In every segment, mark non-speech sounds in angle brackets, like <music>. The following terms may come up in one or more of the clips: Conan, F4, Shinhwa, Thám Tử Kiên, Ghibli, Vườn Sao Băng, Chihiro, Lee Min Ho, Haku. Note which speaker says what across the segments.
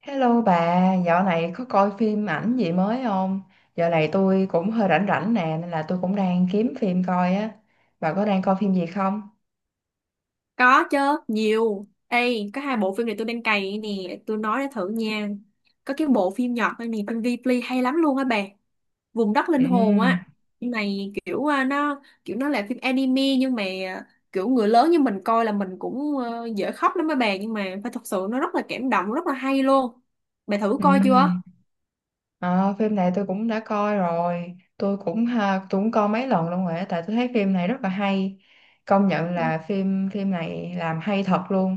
Speaker 1: Hello bà, dạo này có coi phim ảnh gì mới không? Dạo này tôi cũng hơi rảnh rảnh nè, nên là tôi cũng đang kiếm phim coi á. Bà có đang coi phim gì không?
Speaker 2: Có chứ, nhiều. Ê, có hai bộ phim này tôi đang cày nè, tôi nói để thử nha. Có cái bộ phim Nhật này nè, phim Ghibli hay lắm luôn á bà. Vùng đất linh
Speaker 1: Ừ,
Speaker 2: hồn á. Phim này kiểu nó kiểu nó là phim anime nhưng mà kiểu người lớn như mình coi là mình cũng dễ khóc lắm á bà, nhưng mà phải thật sự nó rất là cảm động, rất là hay luôn. Bà thử coi chưa?
Speaker 1: ừ. Ờ, phim này tôi cũng đã coi rồi, tôi cũng coi mấy lần luôn rồi á, tại tôi thấy phim này rất là hay. Công nhận
Speaker 2: Ừ.
Speaker 1: là phim phim này làm hay thật luôn,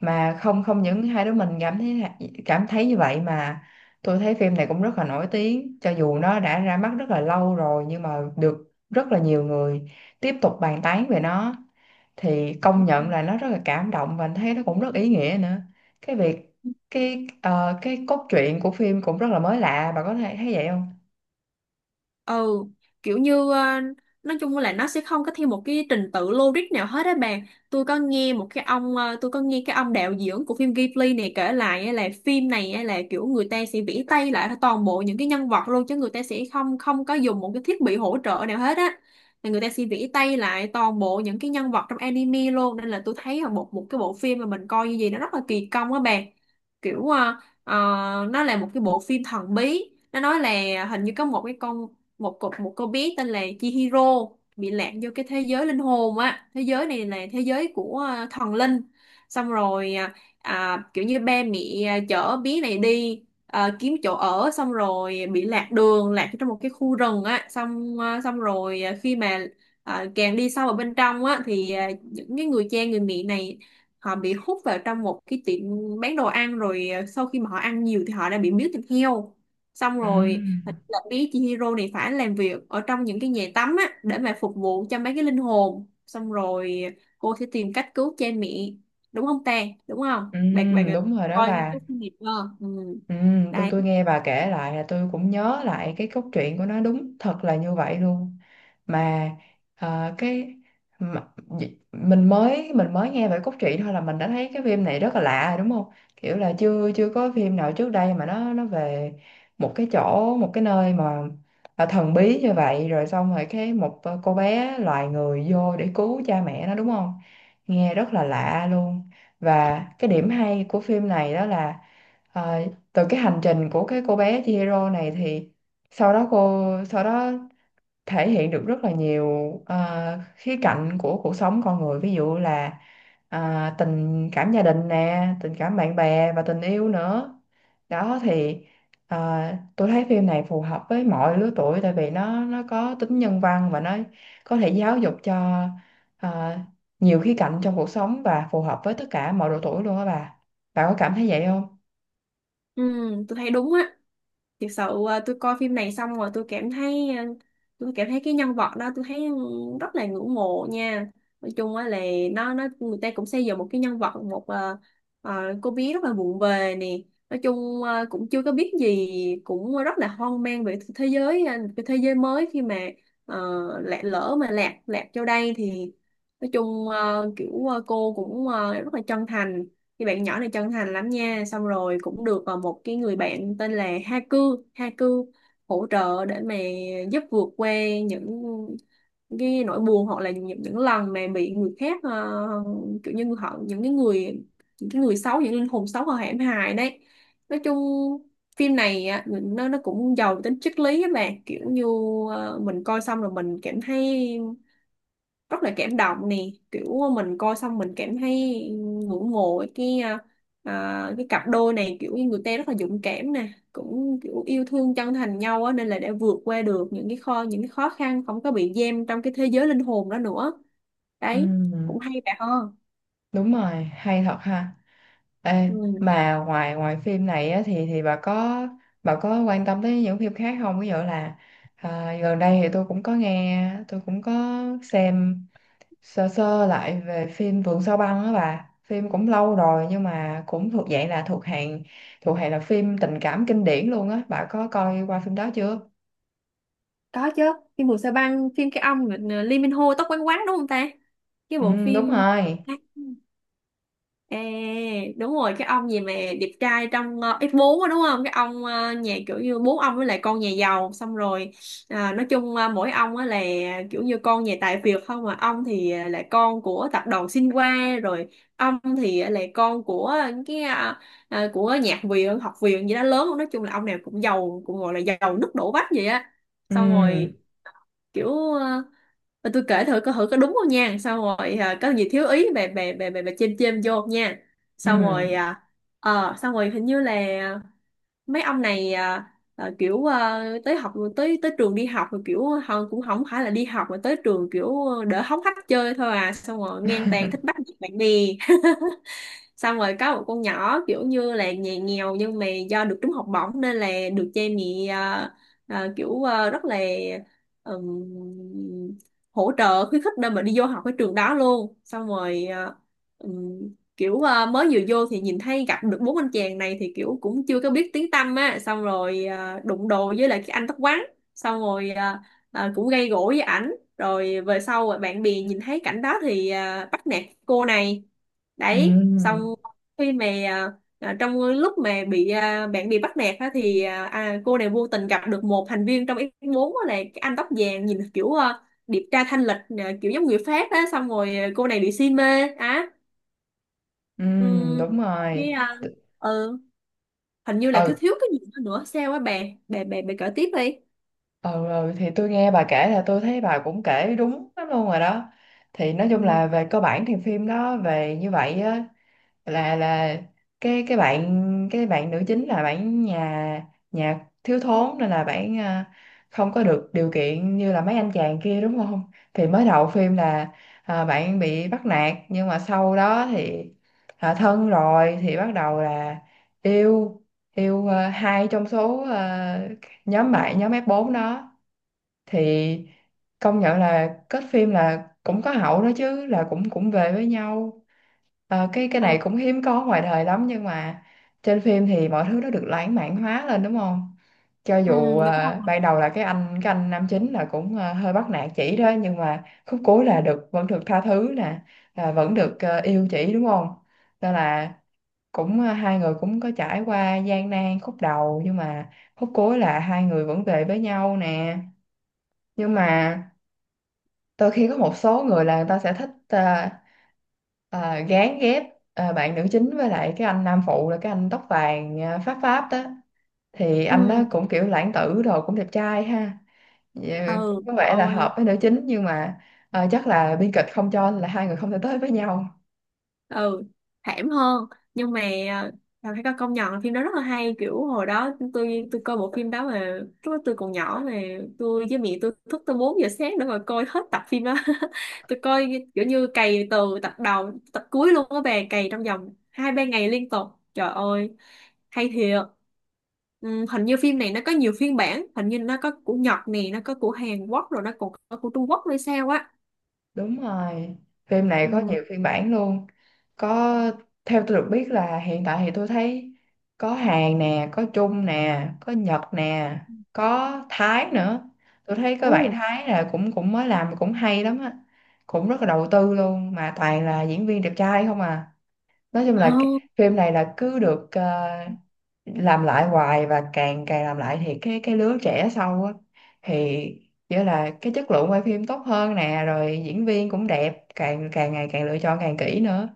Speaker 1: mà không không những hai đứa mình cảm thấy như vậy, mà tôi thấy phim này cũng rất là nổi tiếng. Cho dù nó đã ra mắt rất là lâu rồi nhưng mà được rất là nhiều người tiếp tục bàn tán về nó, thì công nhận là nó rất là cảm động và anh thấy nó cũng rất ý nghĩa nữa. Cái việc cái ờ, cái cốt truyện của phim cũng rất là mới lạ, bà có thể thấy vậy không?
Speaker 2: Ừ, kiểu như nói chung là nó sẽ không có theo một cái trình tự logic nào hết á bạn. Tôi có nghe một cái ông tôi có nghe cái ông đạo diễn của phim Ghibli này kể lại á, là phim này á là kiểu người ta sẽ vẽ tay lại toàn bộ những cái nhân vật luôn, chứ người ta sẽ không không có dùng một cái thiết bị hỗ trợ nào hết á, là người ta sẽ vẽ tay lại toàn bộ những cái nhân vật trong anime luôn, nên là tôi thấy là một một cái bộ phim mà mình coi như gì nó rất là kỳ công á bạn. Kiểu nó là một cái bộ phim thần bí, nó nói là hình như có một cái con một cục một cô bé tên là Chihiro bị lạc vô cái thế giới linh hồn á, thế giới này là thế giới của thần linh. Xong rồi kiểu như ba mẹ chở bé này đi kiếm chỗ ở, xong rồi bị lạc đường lạc trong một cái khu rừng á, xong xong rồi khi mà càng đi sâu vào bên trong á thì những cái người cha người mẹ này họ bị hút vào trong một cái tiệm bán đồ ăn, rồi sau khi mà họ ăn nhiều thì họ đã bị miếu thịt heo, xong
Speaker 1: Ừ,
Speaker 2: rồi hình như là bé Chihiro này phải làm việc ở trong những cái nhà tắm á để mà phục vụ cho mấy cái linh hồn, xong rồi cô sẽ tìm cách cứu cha mẹ, đúng không ta, đúng không
Speaker 1: ừ,
Speaker 2: bạn bạn
Speaker 1: đúng rồi đó
Speaker 2: coi
Speaker 1: bà.
Speaker 2: cái kinh nghiệm đó. Ừ.
Speaker 1: Ừ, tôi
Speaker 2: Đấy.
Speaker 1: tôi nghe bà kể lại là tôi cũng nhớ lại cái cốt truyện của nó đúng thật là như vậy luôn. Mà ờ, cái mà, d- mình mới nghe về cốt truyện thôi là mình đã thấy cái phim này rất là lạ rồi, đúng không? Kiểu là chưa chưa có phim nào trước đây mà nó về một cái chỗ, một cái nơi mà là thần bí như vậy. Rồi xong rồi một cô bé loài người vô để cứu cha mẹ nó, đúng không? Nghe rất là lạ luôn. Và cái điểm hay của phim này đó là ờ, từ cái hành trình của cái cô bé Chihiro này, thì sau đó cô sau đó thể hiện được rất là nhiều khía cạnh của cuộc sống con người. Ví dụ là tình cảm gia đình nè, tình cảm bạn bè, và tình yêu nữa. Đó thì tôi thấy phim này phù hợp với mọi lứa tuổi, tại vì nó có tính nhân văn và nó có thể giáo dục cho à, nhiều khía cạnh trong cuộc sống, và phù hợp với tất cả mọi độ tuổi luôn á bà. Bà có cảm thấy vậy không?
Speaker 2: Ừ, tôi thấy đúng á. Thực sự tôi coi phim này xong rồi tôi cảm thấy tôi cảm thấy cái nhân vật đó tôi thấy rất là ngưỡng mộ nha. Nói chung á là nó người ta cũng xây dựng một cái nhân vật, một ờ, cô bé rất là vụng về nè, nói chung cũng chưa có biết gì, cũng rất là hoang mang về thế giới cái thế giới mới, khi mà ờ, lạc lỡ mà lạc lạc vô đây thì nói chung kiểu cô cũng rất là chân thành. Thì bạn nhỏ này chân thành lắm nha, xong rồi cũng được một cái người bạn tên là Haku. Haku Hỗ trợ để mà giúp vượt qua những cái nỗi buồn, hoặc là những lần mà bị người khác kiểu như họ, những cái người, những cái người xấu, những linh hồn xấu họ hãm hại. Đấy. Nói chung phim này á, nó cũng giàu tính triết lý các bạn, kiểu như mình coi xong rồi mình cảm thấy rất là cảm động nè, kiểu mình coi xong mình cảm thấy ngưỡng mộ cái cái cặp đôi này, kiểu như người ta rất là dũng cảm nè, cũng kiểu yêu thương chân thành nhau á, nên là đã vượt qua được những cái kho những cái khó khăn, không có bị giam trong cái thế giới linh hồn đó nữa.
Speaker 1: Ừ,
Speaker 2: Đấy, cũng hay bà ho.
Speaker 1: đúng rồi, hay thật ha. Ê,
Speaker 2: Ừ.
Speaker 1: mà ngoài ngoài phim này á, thì bà có quan tâm tới những phim khác không? Ví dụ là gần đây, thì tôi cũng có nghe, tôi cũng có xem sơ sơ lại về phim Vườn Sao Băng á bà. Phim cũng lâu rồi nhưng mà cũng thuộc dạng là thuộc hàng là phim tình cảm kinh điển luôn á. Bà có coi qua phim đó chưa?
Speaker 2: Có chứ, phim Mùa Sa Băng, phim cái ông là Lee Min Ho tóc quăn quắn đúng không ta, cái
Speaker 1: Ừ,
Speaker 2: bộ
Speaker 1: đúng
Speaker 2: phim.
Speaker 1: rồi.
Speaker 2: Ê, đúng rồi, cái ông gì mà đẹp trai trong X4 á, đúng không, cái ông nhà kiểu như bố ông với lại con nhà giàu xong rồi nói chung mỗi ông á là kiểu như con nhà tài phiệt không, mà ông thì là con của tập đoàn Shinhwa rồi, ông thì là con của cái của nhạc viện học viện gì đó lớn, nói chung là ông nào cũng giàu, cũng gọi là giàu nứt đổ vách vậy á.
Speaker 1: Ừ,
Speaker 2: Xong rồi kiểu ờ, mà tôi kể thử coi thử có đúng không nha, xong rồi có gì thiếu ý bà, chêm chêm vô nha.
Speaker 1: ừ,
Speaker 2: Xong rồi xong rồi hình như là mấy ông này kiểu tới học tới tới trường đi học, rồi kiểu họ cũng không phải là đi học mà tới trường, kiểu đỡ hóng hách chơi thôi à, xong rồi ngang tàn thích bắt nạt bạn bè. <laughs> Xong rồi có một con nhỏ kiểu như là nhà nghèo, nhưng mà do được trúng học bổng nên là được cha mẹ kiểu rất là ừm, hỗ trợ khuyến khích để mà đi vô học cái trường đó luôn, xong rồi ừm, kiểu mới vừa vô thì nhìn thấy gặp được bốn anh chàng này, thì kiểu cũng chưa có biết tiếng tăm á, xong rồi đụng đồ với lại cái anh tóc quắn, xong rồi cũng gây gổ với ảnh, rồi về sau bạn bè nhìn thấy cảnh đó thì bắt nạt cô này.
Speaker 1: ừ,
Speaker 2: Đấy,
Speaker 1: ừ,
Speaker 2: xong khi mà trong lúc mà bị bạn bị bắt nạt á, thì cô này vô tình gặp được một thành viên trong F4 á, là cái anh tóc vàng nhìn kiểu điệp tra thanh lịch, kiểu giống người Pháp á, xong rồi cô này bị si mê á.
Speaker 1: ừ,
Speaker 2: Ừm,
Speaker 1: đúng rồi.
Speaker 2: cái ừ, hình như là thiếu
Speaker 1: Ừ.
Speaker 2: thiếu cái gì đó nữa sao á bà, bà kể tiếp đi.
Speaker 1: Ừ, ừ thì tôi nghe bà kể là tôi thấy bà cũng kể đúng lắm luôn rồi đó. Thì nói chung
Speaker 2: Ừ.
Speaker 1: là về cơ bản thì phim đó về như vậy á. Là cái bạn nữ chính là bạn nhà nhà thiếu thốn, nên là bạn không có được điều kiện như là mấy anh chàng kia, đúng không? Thì mới đầu phim là bạn bị bắt nạt, nhưng mà sau đó thì thân rồi, thì bắt đầu là yêu, hai trong số nhóm nhóm f bốn đó. Thì công nhận là kết phim là cũng có hậu đó chứ, là cũng cũng về với nhau. Ờ, cái
Speaker 2: Ừ,
Speaker 1: này cũng hiếm có ngoài đời lắm, nhưng mà trên phim thì mọi thứ nó được lãng mạn hóa lên, đúng không? Cho
Speaker 2: ừ,
Speaker 1: dù
Speaker 2: đúng
Speaker 1: ờ,
Speaker 2: rồi.
Speaker 1: ban đầu là cái anh nam chính là cũng hơi bắt nạt chị đó, nhưng mà khúc cuối là được, vẫn được tha thứ nè, là vẫn được yêu chị, đúng không? Nên là cũng hai người cũng có trải qua gian nan khúc đầu, nhưng mà khúc cuối là hai người vẫn về với nhau nè. Nhưng mà đôi khi có một số người là người ta sẽ thích gán ghép bạn nữ chính với lại cái anh nam phụ, là cái anh tóc vàng, pháp pháp đó. Thì anh đó
Speaker 2: Ừ,
Speaker 1: cũng kiểu lãng tử, rồi cũng đẹp trai ha. Dạ, cũng
Speaker 2: ừ,
Speaker 1: có
Speaker 2: trời
Speaker 1: vẻ là
Speaker 2: ơi.
Speaker 1: hợp với nữ chính, nhưng mà chắc là biên kịch không cho, là hai người không thể tới với nhau.
Speaker 2: Ừ, thảm hơn, nhưng mà phải có công nhận là phim đó rất là hay, kiểu hồi đó tôi coi bộ phim đó mà lúc đó tôi còn nhỏ, mà tôi với mẹ tôi thức tới 4 giờ sáng để mà coi hết tập phim đó. <laughs> Tôi coi kiểu như cày từ tập đầu tập cuối luôn á bà, cày trong vòng hai ba ngày liên tục. Trời ơi, hay thiệt. Ừ, hình như phim này nó có nhiều phiên bản, hình như nó có của Nhật nè, nó có của Hàn Quốc, rồi nó còn có của Trung Quốc hay sao á.
Speaker 1: Đúng rồi, phim này có
Speaker 2: Ừ.
Speaker 1: nhiều phiên bản luôn. Có, theo tôi được biết là hiện tại thì tôi thấy có Hàn nè, có Trung nè, có Nhật nè, có Thái nữa. Tôi thấy có bạn Thái là cũng cũng mới làm, cũng hay lắm á. Cũng rất là đầu tư luôn, mà toàn là diễn viên đẹp trai không à, nói chung là cái
Speaker 2: Ồ.
Speaker 1: phim này là cứ được làm lại hoài. Và càng càng làm lại thì cái lứa trẻ sau á, thì nghĩa là cái chất lượng quay phim tốt hơn nè, rồi diễn viên cũng đẹp, càng càng ngày càng lựa chọn càng kỹ nữa.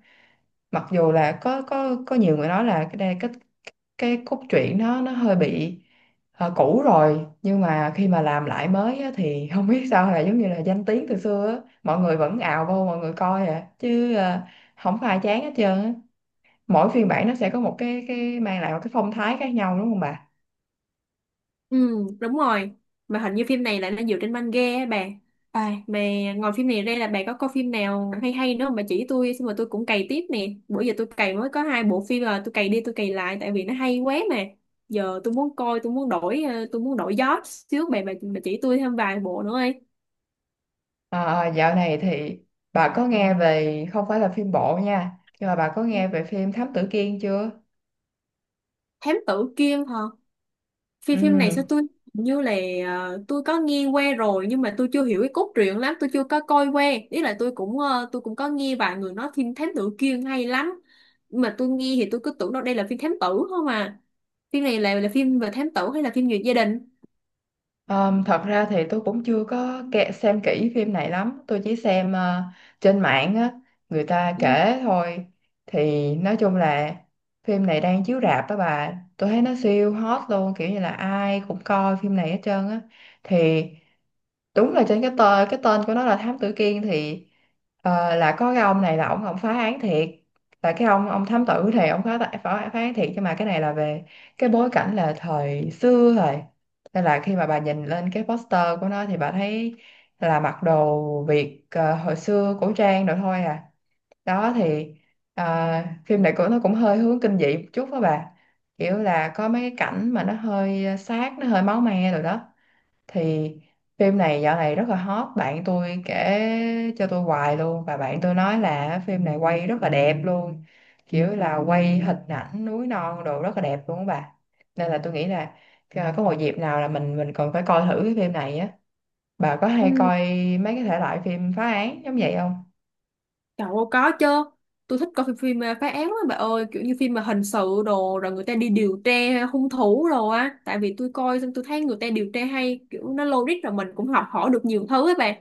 Speaker 1: Mặc dù là có nhiều người nói là cái đây- cái cốt truyện nó hơi bị cũ rồi, nhưng mà khi mà làm lại mới á, thì <laughs> không biết sao là giống như là danh tiếng từ xưa á, mọi người vẫn ào vô, mọi người coi à chứ không có ai chán hết trơn á. Mỗi phiên bản nó sẽ có một cái mang lại một cái phong thái khác nhau, đúng không bà?
Speaker 2: Ừ, đúng rồi. Mà hình như phim này lại nó dựa trên manga á bà. À, mà ngoài phim này ra là bà có coi phim nào hay hay nữa không? Bà chỉ tôi xong rồi tôi cũng cày tiếp nè. Bữa giờ tôi cày mới có hai bộ phim là tôi cày đi tôi cày lại tại vì nó hay quá mà. Giờ tôi muốn coi, tôi muốn đổi tôi muốn đổi gió xíu bà, bà chỉ tôi thêm vài bộ nữa đi.
Speaker 1: Dạo này thì bà có nghe về, không phải là phim bộ nha, nhưng mà bà có nghe về phim Thám Tử Kiên chưa?
Speaker 2: Thám tử Kiên hả? Phim phim này sao
Speaker 1: Ừ.
Speaker 2: tôi hình như là tôi có nghe qua rồi, nhưng mà tôi chưa hiểu cái cốt truyện lắm, tôi chưa có coi qua. Ý là tôi cũng tôi cũng có nghe vài người nói phim thám tử kia hay lắm. Nhưng mà tôi nghe thì tôi cứ tưởng đâu đây là phim thám tử không à. Phim này là phim về thám tử hay là phim về gia đình?
Speaker 1: Thật ra thì tôi cũng chưa có xem kỹ phim này lắm, tôi chỉ xem trên mạng á, người ta
Speaker 2: Ừ.
Speaker 1: kể thôi. Thì nói chung là phim này đang chiếu rạp đó bà. Tôi thấy nó siêu hot luôn, kiểu như là ai cũng coi phim này hết trơn á. Thì đúng là trên cái tên, của nó là Thám Tử Kiên, thì là có cái ông này là ông phá án thiệt, là cái ông thám tử, thì ông phá, phá án thiệt. Nhưng mà cái này là về cái bối cảnh là thời xưa rồi, nên là khi mà bà nhìn lên cái poster của nó thì bà thấy là mặc đồ Việt hồi xưa, cổ trang rồi thôi à. Đó thì ờ, phim này của nó cũng hơi hướng kinh dị một chút đó bà, kiểu là có mấy cái cảnh mà nó hơi sát, nó hơi máu me rồi đó. Thì phim này dạo này rất là hot, bạn tôi kể cho tôi hoài luôn, và bạn tôi nói là phim này quay rất là đẹp luôn, kiểu là quay hình ảnh núi non đồ rất là đẹp luôn á bà. Nên là tôi nghĩ là có một dịp nào là mình còn phải coi thử cái phim này á. Bà có hay
Speaker 2: Ừ.
Speaker 1: coi mấy cái thể loại phim phá án giống vậy không?
Speaker 2: Trời ơi, có chứ. Tôi thích coi phim, phim phá án lắm bà ơi, kiểu như phim mà hình sự đồ, rồi người ta đi điều tra hung thủ rồi á, tại vì tôi coi xong tôi thấy người ta điều tra hay, kiểu nó logic, rồi mình cũng học hỏi được nhiều thứ ấy bà.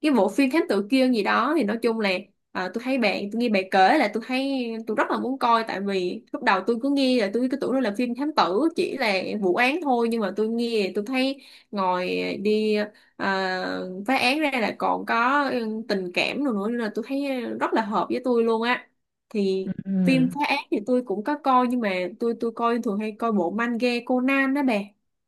Speaker 2: Cái bộ phim Thám Tử Kiên gì đó thì nói chung là tôi thấy bạn, tôi nghe bạn kể là tôi thấy tôi rất là muốn coi, tại vì lúc đầu tôi cứ nghe là tôi cứ tưởng nó là phim thám tử chỉ là vụ án thôi, nhưng mà tôi nghe tôi thấy ngồi đi à, phá án ra là còn có ừ, tình cảm rồi nữa, nên là tôi thấy rất là hợp với tôi luôn á.
Speaker 1: Ừ.
Speaker 2: Thì phim phá án thì tôi cũng có coi, nhưng mà tôi coi thường hay coi bộ manga Conan đó bà.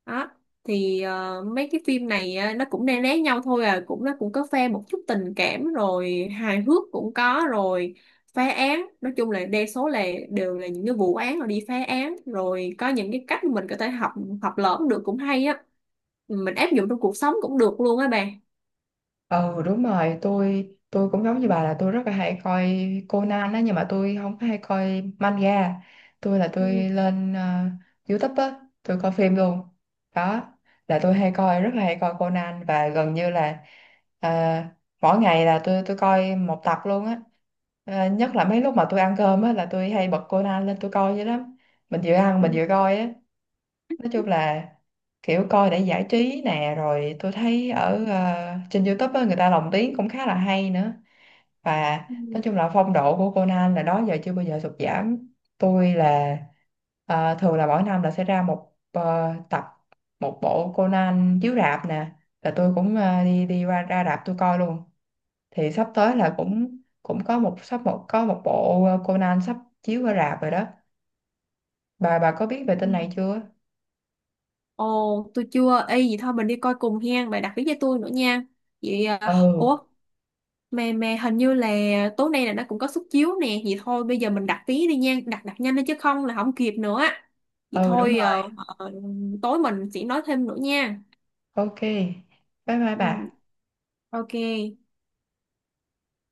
Speaker 2: Đó thì mấy cái phim này nó cũng né né nhau thôi à, cũng nó cũng có pha một chút tình cảm, rồi hài hước cũng có, rồi phá án nói chung là đa số là đều là những cái vụ án, rồi đi phá án, rồi có những cái cách mình có thể học học lỏm được cũng hay á, mình áp dụng trong cuộc sống cũng được luôn á bà.
Speaker 1: Ừ, đúng rồi, tôi cũng giống như bà là tôi rất là hay coi Conan á, nhưng mà tôi không có hay coi manga. Tôi
Speaker 2: Ừ,
Speaker 1: lên YouTube á, tôi coi phim luôn. Đó là tôi hay coi, rất là hay coi Conan, và gần như là ờ, mỗi ngày là tôi coi một tập luôn á. Ờ, nhất là mấy lúc mà tôi ăn cơm á là tôi hay bật Conan lên tôi coi vậy lắm, mình vừa ăn mình
Speaker 2: ừ,
Speaker 1: vừa coi á. Nói chung là kiểu coi để giải trí nè, rồi tôi thấy trên YouTube á, người ta lồng tiếng cũng khá là hay nữa. Và
Speaker 2: ừ,
Speaker 1: nói chung là phong độ của Conan là đó giờ chưa bao giờ sụt giảm. Tôi là ờ, thường là mỗi năm là sẽ ra một ờ, tập một bộ Conan chiếu rạp nè, là tôi cũng đi đi ra ra rạp tôi coi luôn. Thì sắp tới
Speaker 2: ừ,
Speaker 1: là cũng cũng có một bộ Conan sắp chiếu ở rạp rồi đó bà. Bà có biết về tin này
Speaker 2: ừ.
Speaker 1: chưa?
Speaker 2: Ồ, tôi chưa y, vậy thôi mình đi coi cùng hen bà, đặt vé cho tôi nữa nha. Vậy
Speaker 1: Ừ.
Speaker 2: ủa, mà hình như là tối nay là nó cũng có suất chiếu nè, vậy thôi bây giờ mình đặt vé đi nha, đặt đặt nhanh đi chứ không là không kịp nữa. Vậy
Speaker 1: Ừ, đúng
Speaker 2: thôi
Speaker 1: rồi.
Speaker 2: ờ, tối mình sẽ nói thêm nữa nha.
Speaker 1: Ok, bye bye bà.
Speaker 2: Ừ, ok.